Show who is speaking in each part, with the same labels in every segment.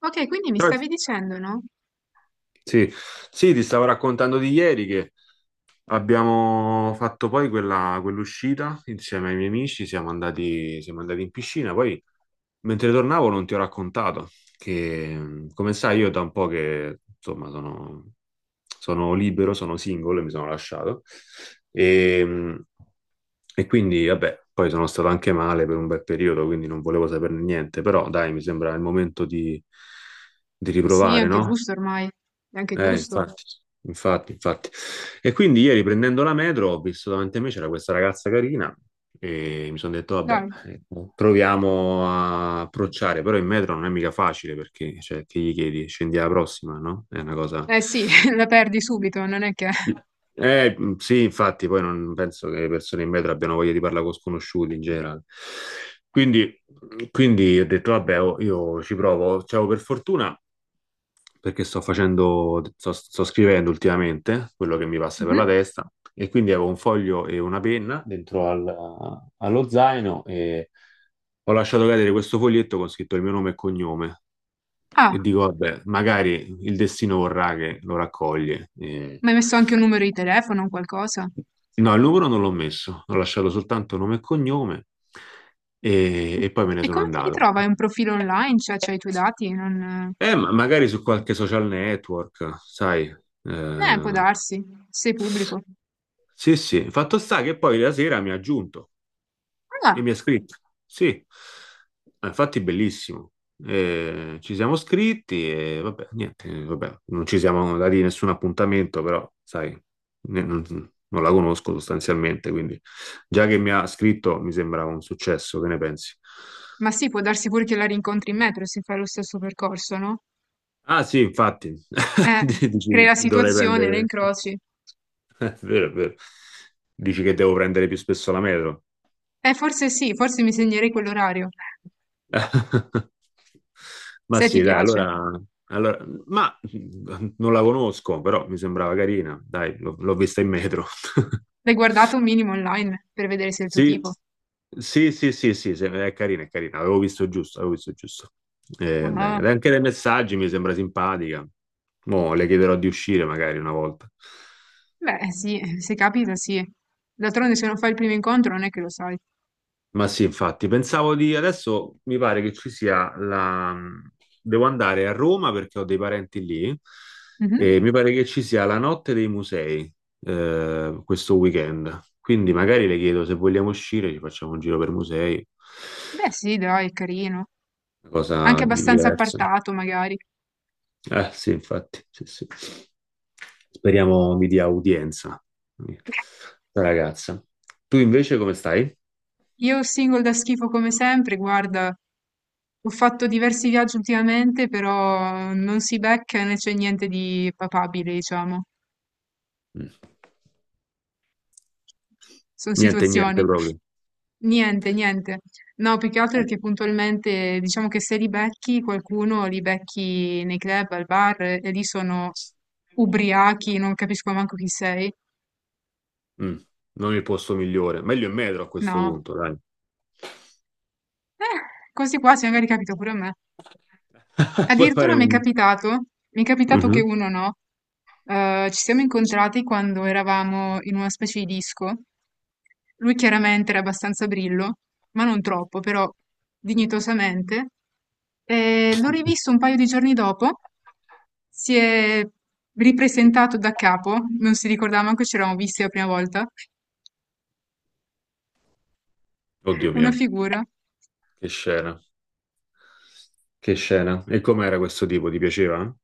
Speaker 1: Ok, quindi mi
Speaker 2: Ah,
Speaker 1: stavi dicendo, no?
Speaker 2: sì, sì, ti stavo raccontando di ieri che abbiamo fatto poi quell'uscita insieme ai miei amici, siamo andati in piscina, poi mentre tornavo non ti ho raccontato che, come sai, io da un po' che insomma sono libero, sono singolo e mi sono lasciato e, e quindi vabbè, poi sono stato anche male per un bel periodo, quindi non volevo saperne niente, però dai, mi sembra il momento di
Speaker 1: Sì, è
Speaker 2: riprovare,
Speaker 1: anche
Speaker 2: no?
Speaker 1: giusto ormai, è anche giusto.
Speaker 2: Infatti, infatti, infatti. E quindi ieri prendendo la metro ho visto davanti a me c'era questa ragazza carina e mi sono detto, vabbè,
Speaker 1: Dai.
Speaker 2: proviamo a approcciare, però in metro non è mica facile perché, cioè, che gli chiedi? Scendi alla prossima, no? È una cosa.
Speaker 1: Eh sì, la perdi subito, non è che...
Speaker 2: Sì, infatti, poi non penso che le persone in metro abbiano voglia di parlare con sconosciuti in generale. Quindi, quindi ho detto, vabbè, oh, io ci provo. Cioè, oh, per fortuna perché sto scrivendo ultimamente quello che mi passa per
Speaker 1: Mhm.
Speaker 2: la testa e quindi avevo un foglio e una penna dentro allo zaino e ho lasciato cadere questo foglietto con scritto il mio nome e cognome e
Speaker 1: Ah,
Speaker 2: dico, vabbè, magari il destino vorrà che lo raccoglie.
Speaker 1: ma hai messo anche un numero di telefono o qualcosa?
Speaker 2: No, il numero non l'ho messo, ho lasciato soltanto nome e cognome e poi me ne
Speaker 1: E
Speaker 2: sono
Speaker 1: come ti
Speaker 2: andato.
Speaker 1: ritrova? Hai un profilo online? Cioè, c'hai i tuoi dati? Non...
Speaker 2: Ma magari su qualche social network, sai.
Speaker 1: Può
Speaker 2: Eh,
Speaker 1: darsi, sei pubblico.
Speaker 2: sì, sì, fatto sta che poi la sera mi ha aggiunto e
Speaker 1: Ah,
Speaker 2: mi ha scritto. Sì, ma infatti bellissimo. Ci siamo scritti e vabbè, niente, vabbè, non ci siamo dati nessun appuntamento, però sai, ne- non, non la conosco sostanzialmente, quindi già che mi ha scritto mi sembra un successo, che ne pensi?
Speaker 1: ma sì, può darsi pure che la rincontri in metro se fai lo stesso percorso, no?
Speaker 2: Ah sì, infatti,
Speaker 1: Eh, crei
Speaker 2: Dici,
Speaker 1: la
Speaker 2: dovrei
Speaker 1: situazione, la
Speaker 2: prendere.
Speaker 1: incroci.
Speaker 2: È vero, è vero. Dici che devo prendere più spesso la metro?
Speaker 1: Forse sì, forse mi segnerei quell'orario,
Speaker 2: Ma
Speaker 1: se ti
Speaker 2: sì, dai,
Speaker 1: piace.
Speaker 2: ma non la conosco, però mi sembrava carina. Dai, l'ho vista in metro.
Speaker 1: L'hai guardato un minimo online per vedere se è il tuo
Speaker 2: Sì,
Speaker 1: tipo?
Speaker 2: sì, sì, sì, sì, è carina, è carina. Avevo visto giusto, avevo visto giusto. Dai,
Speaker 1: Ah,
Speaker 2: anche dai messaggi mi sembra simpatica. Mo' le chiederò di uscire magari una volta.
Speaker 1: beh, sì, se capita sì. D'altronde se non fai il primo incontro non è che lo sai.
Speaker 2: Ma sì, infatti, pensavo di adesso mi pare che ci sia la. Devo andare a Roma perché ho dei parenti lì
Speaker 1: Mhm.
Speaker 2: e mi pare che ci sia la notte dei musei questo weekend. Quindi magari le chiedo se vogliamo uscire, ci facciamo un giro per musei,
Speaker 1: Beh, sì, dai, è carino.
Speaker 2: una
Speaker 1: Anche
Speaker 2: cosa
Speaker 1: abbastanza
Speaker 2: diversa.
Speaker 1: appartato, magari.
Speaker 2: Eh sì, infatti, sì, sì. Speriamo mi dia udienza, la ragazza. Tu invece come stai?
Speaker 1: Io single da schifo come sempre, guarda, ho fatto diversi viaggi ultimamente, però non si becca né c'è niente di papabile, diciamo.
Speaker 2: Mm.
Speaker 1: Sono
Speaker 2: Niente, niente
Speaker 1: situazioni.
Speaker 2: proprio.
Speaker 1: Niente, niente. No, più che altro perché puntualmente diciamo che se li becchi qualcuno, li becchi nei club, al bar e lì sono ubriachi, non capisco manco chi sei.
Speaker 2: Mm, non il posto migliore. Meglio in metro a questo
Speaker 1: No.
Speaker 2: punto, dai.
Speaker 1: Questi qua se magari capita pure a me.
Speaker 2: Puoi fare
Speaker 1: Addirittura mi è
Speaker 2: un.
Speaker 1: capitato, che
Speaker 2: Mhm.
Speaker 1: uno no. Ci siamo incontrati quando eravamo in una specie di disco. Lui chiaramente era abbastanza brillo, ma non troppo, però dignitosamente. E l'ho rivisto un paio di giorni dopo, si è ripresentato da capo, non si ricordava manco ci eravamo visti la prima volta,
Speaker 2: Oddio
Speaker 1: una
Speaker 2: mio,
Speaker 1: figura.
Speaker 2: che scena. Che scena. E com'era questo tipo? Ti piaceva?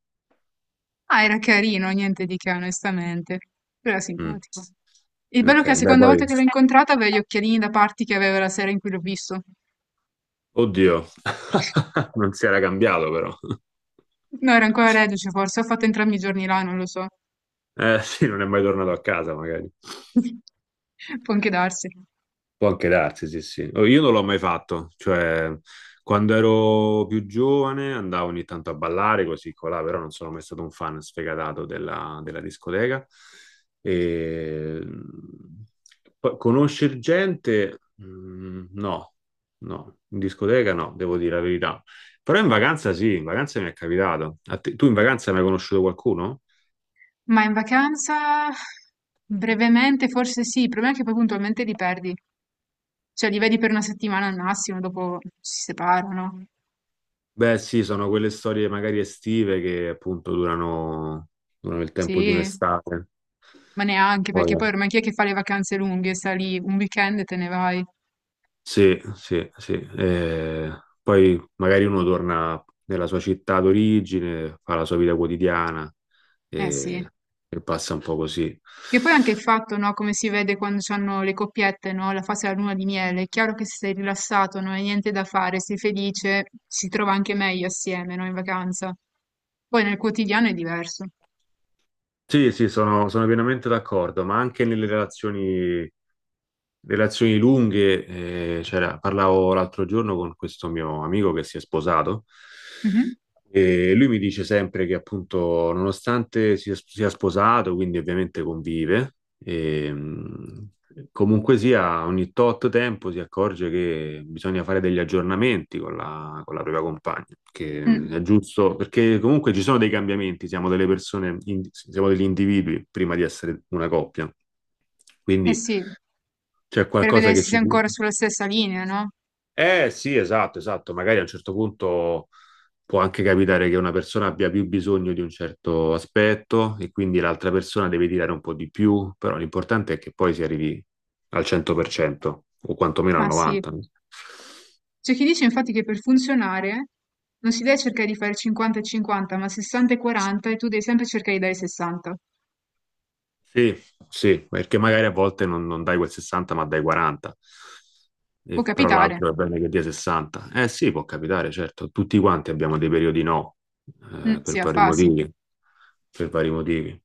Speaker 1: Ah, era carino, niente di che, onestamente, però era
Speaker 2: Mm.
Speaker 1: simpatico. Il bello è
Speaker 2: Ok,
Speaker 1: che la
Speaker 2: beh,
Speaker 1: seconda
Speaker 2: poi.
Speaker 1: volta che l'ho incontrata aveva gli occhialini da parti che aveva la sera in cui l'ho visto.
Speaker 2: Oddio, non si era cambiato però.
Speaker 1: No, era ancora reduce forse, ho fatto entrambi i giorni là, non lo so.
Speaker 2: Eh sì, non è mai tornato a casa magari.
Speaker 1: Può anche darsi.
Speaker 2: Può anche darsi, sì, sì. Oh, io non l'ho mai fatto, cioè quando ero più giovane andavo ogni tanto a ballare così colà, però non sono mai stato un fan sfegatato della discoteca. E... Poi conoscere gente, mm, no, no, in discoteca no, devo dire la verità. Però in vacanza sì, in vacanza mi è capitato. Tu in vacanza hai mai conosciuto qualcuno?
Speaker 1: Ma in vacanza brevemente forse sì, il problema è che poi puntualmente li perdi, cioè li vedi per una settimana al massimo, dopo si separano,
Speaker 2: Beh, sì, sono quelle storie magari estive che appunto durano, durano il tempo di
Speaker 1: sì,
Speaker 2: un'estate.
Speaker 1: ma neanche perché
Speaker 2: Poi,
Speaker 1: poi ormai chi è che fa le vacanze lunghe, sta lì un weekend e te ne vai,
Speaker 2: sì, sì, sì. Poi magari uno torna nella sua città d'origine, fa la sua vita quotidiana
Speaker 1: eh sì.
Speaker 2: e, e passa un po' così.
Speaker 1: Che poi anche il fatto, no, come si vede quando hanno le coppiette, no, la fase della luna di miele, è chiaro che se sei rilassato, non hai niente da fare, sei felice, si trova anche meglio assieme, no, in vacanza. Poi nel quotidiano è diverso.
Speaker 2: Sì, sì, sono pienamente d'accordo, ma anche nelle relazioni. Relazioni lunghe, parlavo l'altro giorno con questo mio amico che si è sposato
Speaker 1: Mhm.
Speaker 2: e lui mi dice sempre che appunto nonostante sia sposato, quindi ovviamente convive, e, mh, comunque sia ogni tot tempo si accorge che bisogna fare degli aggiornamenti con la propria compagna, che è
Speaker 1: Mm.
Speaker 2: giusto perché comunque ci sono dei cambiamenti, siamo delle persone, siamo degli individui prima di essere una coppia.
Speaker 1: Eh
Speaker 2: Quindi
Speaker 1: sì.
Speaker 2: c'è
Speaker 1: Per
Speaker 2: qualcosa
Speaker 1: vedere se
Speaker 2: che
Speaker 1: sei
Speaker 2: ci.
Speaker 1: ancora sulla stessa linea, no?
Speaker 2: Eh sì, esatto, esatto. Magari a un certo punto può anche capitare che una persona abbia più bisogno di un certo aspetto e quindi l'altra persona deve tirare un po' di più, però l'importante è che poi si arrivi al 100% o quantomeno al
Speaker 1: Ma sì.
Speaker 2: 90%.
Speaker 1: C'è chi dice infatti che per funzionare non si deve cercare di fare 50 e 50, ma 60 e 40 e tu devi sempre cercare di dare 60.
Speaker 2: Sì, sì, perché magari a volte non dai quel 60 ma dai 40,
Speaker 1: Può
Speaker 2: Però
Speaker 1: capitare,
Speaker 2: l'altro è bene che dia 60. Eh sì, può capitare, certo, tutti quanti abbiamo dei periodi no,
Speaker 1: mm, sì,
Speaker 2: per
Speaker 1: a
Speaker 2: vari
Speaker 1: fasi.
Speaker 2: motivi, per vari motivi.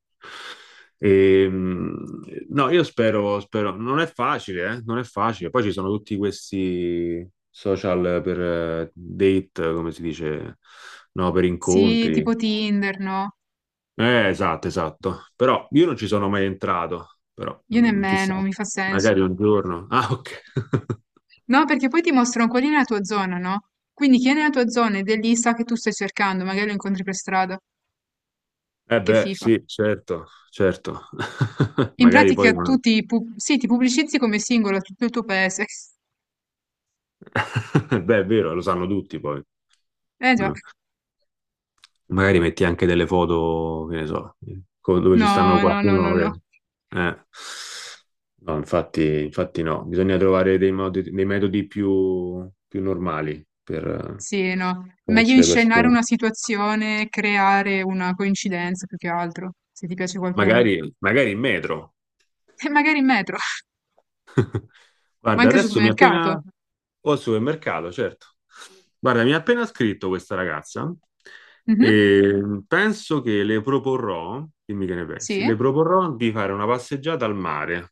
Speaker 2: Ehm, no, io spero, spero, non è facile, non è facile. Poi ci sono tutti questi social per date, come si dice, no, per
Speaker 1: Sì,
Speaker 2: incontri.
Speaker 1: tipo Tinder, no?
Speaker 2: Esatto, esatto. Però io non ci sono mai entrato, però
Speaker 1: Io nemmeno,
Speaker 2: chissà,
Speaker 1: mi fa
Speaker 2: magari
Speaker 1: senso.
Speaker 2: un giorno. Ah, ok.
Speaker 1: No, perché poi ti mostrano qual è la tua zona, no? Quindi chi è nella tua zona ed è lì sa che tu stai cercando, magari lo incontri per strada.
Speaker 2: Eh
Speaker 1: Che
Speaker 2: beh,
Speaker 1: fifa.
Speaker 2: sì, certo, certo.
Speaker 1: In
Speaker 2: Magari
Speaker 1: pratica
Speaker 2: poi.
Speaker 1: tu ti, pu- sì, ti pubblicizzi come singolo a tutto il tuo paese.
Speaker 2: Beh, è vero, lo sanno tutti poi.
Speaker 1: Eh già.
Speaker 2: No. Magari metti anche delle foto, che ne so, dove ci stanno
Speaker 1: No, no, no, no,
Speaker 2: qualcuno.
Speaker 1: no.
Speaker 2: Eh. No, infatti, infatti no, bisogna trovare dei metodi più, più normali per
Speaker 1: Sì, no. Meglio
Speaker 2: conoscere le
Speaker 1: inscenare
Speaker 2: persone.
Speaker 1: una situazione, creare una coincidenza più che altro, se ti piace qualcuno.
Speaker 2: Magari, magari in metro.
Speaker 1: E magari in metro, ma
Speaker 2: Guarda,
Speaker 1: anche al
Speaker 2: adesso mi ha
Speaker 1: supermercato.
Speaker 2: appena. O al supermercato, certo. Guarda, mi ha appena scritto questa ragazza
Speaker 1: Mhm.
Speaker 2: e penso che le proporrò, dimmi che ne pensi,
Speaker 1: Sì.
Speaker 2: le proporrò di fare una passeggiata al mare.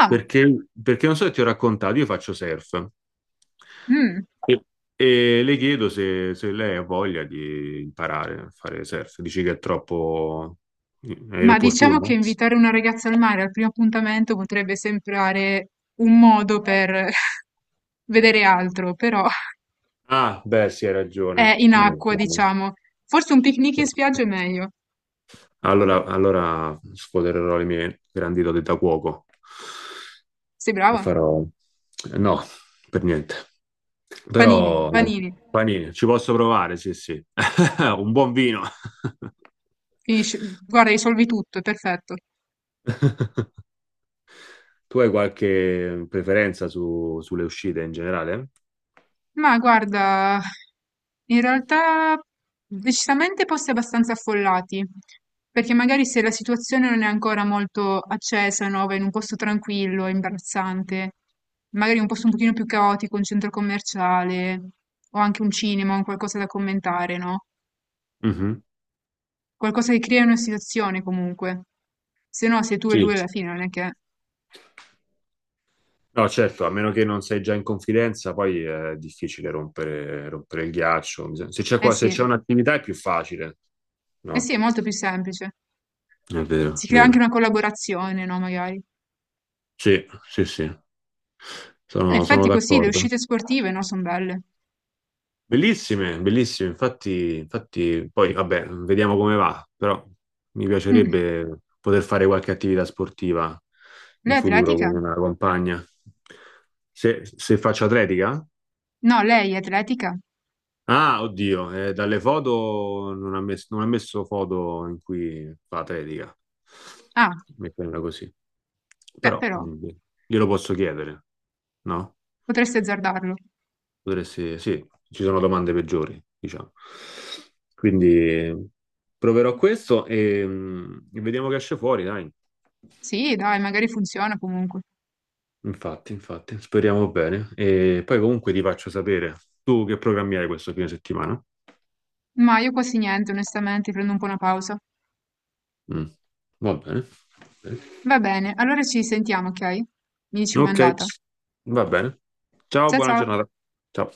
Speaker 1: Ah,
Speaker 2: Perché non so se ti ho raccontato, io faccio surf.
Speaker 1: mm.
Speaker 2: E, e le chiedo se lei ha voglia di imparare a fare surf. Dici che è troppo, è
Speaker 1: Ma diciamo che
Speaker 2: inopportuno?
Speaker 1: invitare una ragazza al mare al primo appuntamento potrebbe sembrare un modo per vedere altro, però
Speaker 2: Ah, beh, sì, hai ragione.
Speaker 1: è in
Speaker 2: Hai
Speaker 1: acqua,
Speaker 2: ragione.
Speaker 1: diciamo. Forse un picnic in spiaggia è meglio.
Speaker 2: Allora, allora sfodererò le mie grandi doti da cuoco
Speaker 1: Sei
Speaker 2: e
Speaker 1: brava?
Speaker 2: farò. No, per niente.
Speaker 1: Panini,
Speaker 2: Però,
Speaker 1: panini.
Speaker 2: panini, ci posso provare, sì, sì. Un buon vino.
Speaker 1: Finisci, guarda, risolvi tutto, è perfetto.
Speaker 2: Tu hai qualche preferenza sulle uscite in generale?
Speaker 1: Ma guarda, in realtà decisamente posti abbastanza affollati, perché magari se la situazione non è ancora molto accesa, no, vai in un posto tranquillo, è imbarazzante, magari un posto un pochino più caotico, un centro commerciale, o anche un cinema, un qualcosa da commentare, no?
Speaker 2: Mhm.
Speaker 1: Qualcosa che crea una situazione comunque. Se no, sei tu e
Speaker 2: Sì.
Speaker 1: lui alla fine, non è che...
Speaker 2: No, certo, a meno che non sei già in confidenza, poi è difficile rompere, rompere il ghiaccio. Se c'è
Speaker 1: Eh sì,
Speaker 2: un'attività è più facile,
Speaker 1: eh sì, è
Speaker 2: no?
Speaker 1: molto più semplice.
Speaker 2: È vero,
Speaker 1: Si
Speaker 2: è
Speaker 1: crea anche
Speaker 2: vero.
Speaker 1: una collaborazione, no, magari.
Speaker 2: Sì, sì, sì,
Speaker 1: In
Speaker 2: sono
Speaker 1: effetti così le
Speaker 2: d'accordo.
Speaker 1: uscite sportive, no, son belle.
Speaker 2: Bellissime, bellissime. Infatti, infatti, poi vabbè, vediamo come va, però mi
Speaker 1: Mh.
Speaker 2: piacerebbe poter fare qualche attività sportiva in
Speaker 1: Lei è
Speaker 2: futuro con
Speaker 1: atletica?
Speaker 2: una compagna. Se faccio atletica?
Speaker 1: No, lei è atletica?
Speaker 2: Ah, oddio, dalle foto non ha messo foto in cui fa atletica,
Speaker 1: Ah,
Speaker 2: metterla così.
Speaker 1: beh
Speaker 2: Però
Speaker 1: però,
Speaker 2: glielo posso chiedere, no?
Speaker 1: potresti azzardarlo.
Speaker 2: Potresti, sì, ci sono domande peggiori, diciamo. Quindi proverò questo e vediamo che esce fuori, dai.
Speaker 1: Sì, dai, magari funziona comunque.
Speaker 2: Infatti, infatti, speriamo bene. E poi comunque ti faccio sapere tu che programmi hai questo fine settimana.
Speaker 1: Ma io quasi niente, onestamente, prendo un po' una pausa.
Speaker 2: Mm, va bene.
Speaker 1: Va bene, allora ci sentiamo, ok? Mi dici com'è
Speaker 2: Ok,
Speaker 1: andata.
Speaker 2: va bene. Ciao,
Speaker 1: Cia
Speaker 2: buona
Speaker 1: ciao.
Speaker 2: giornata. Ciao.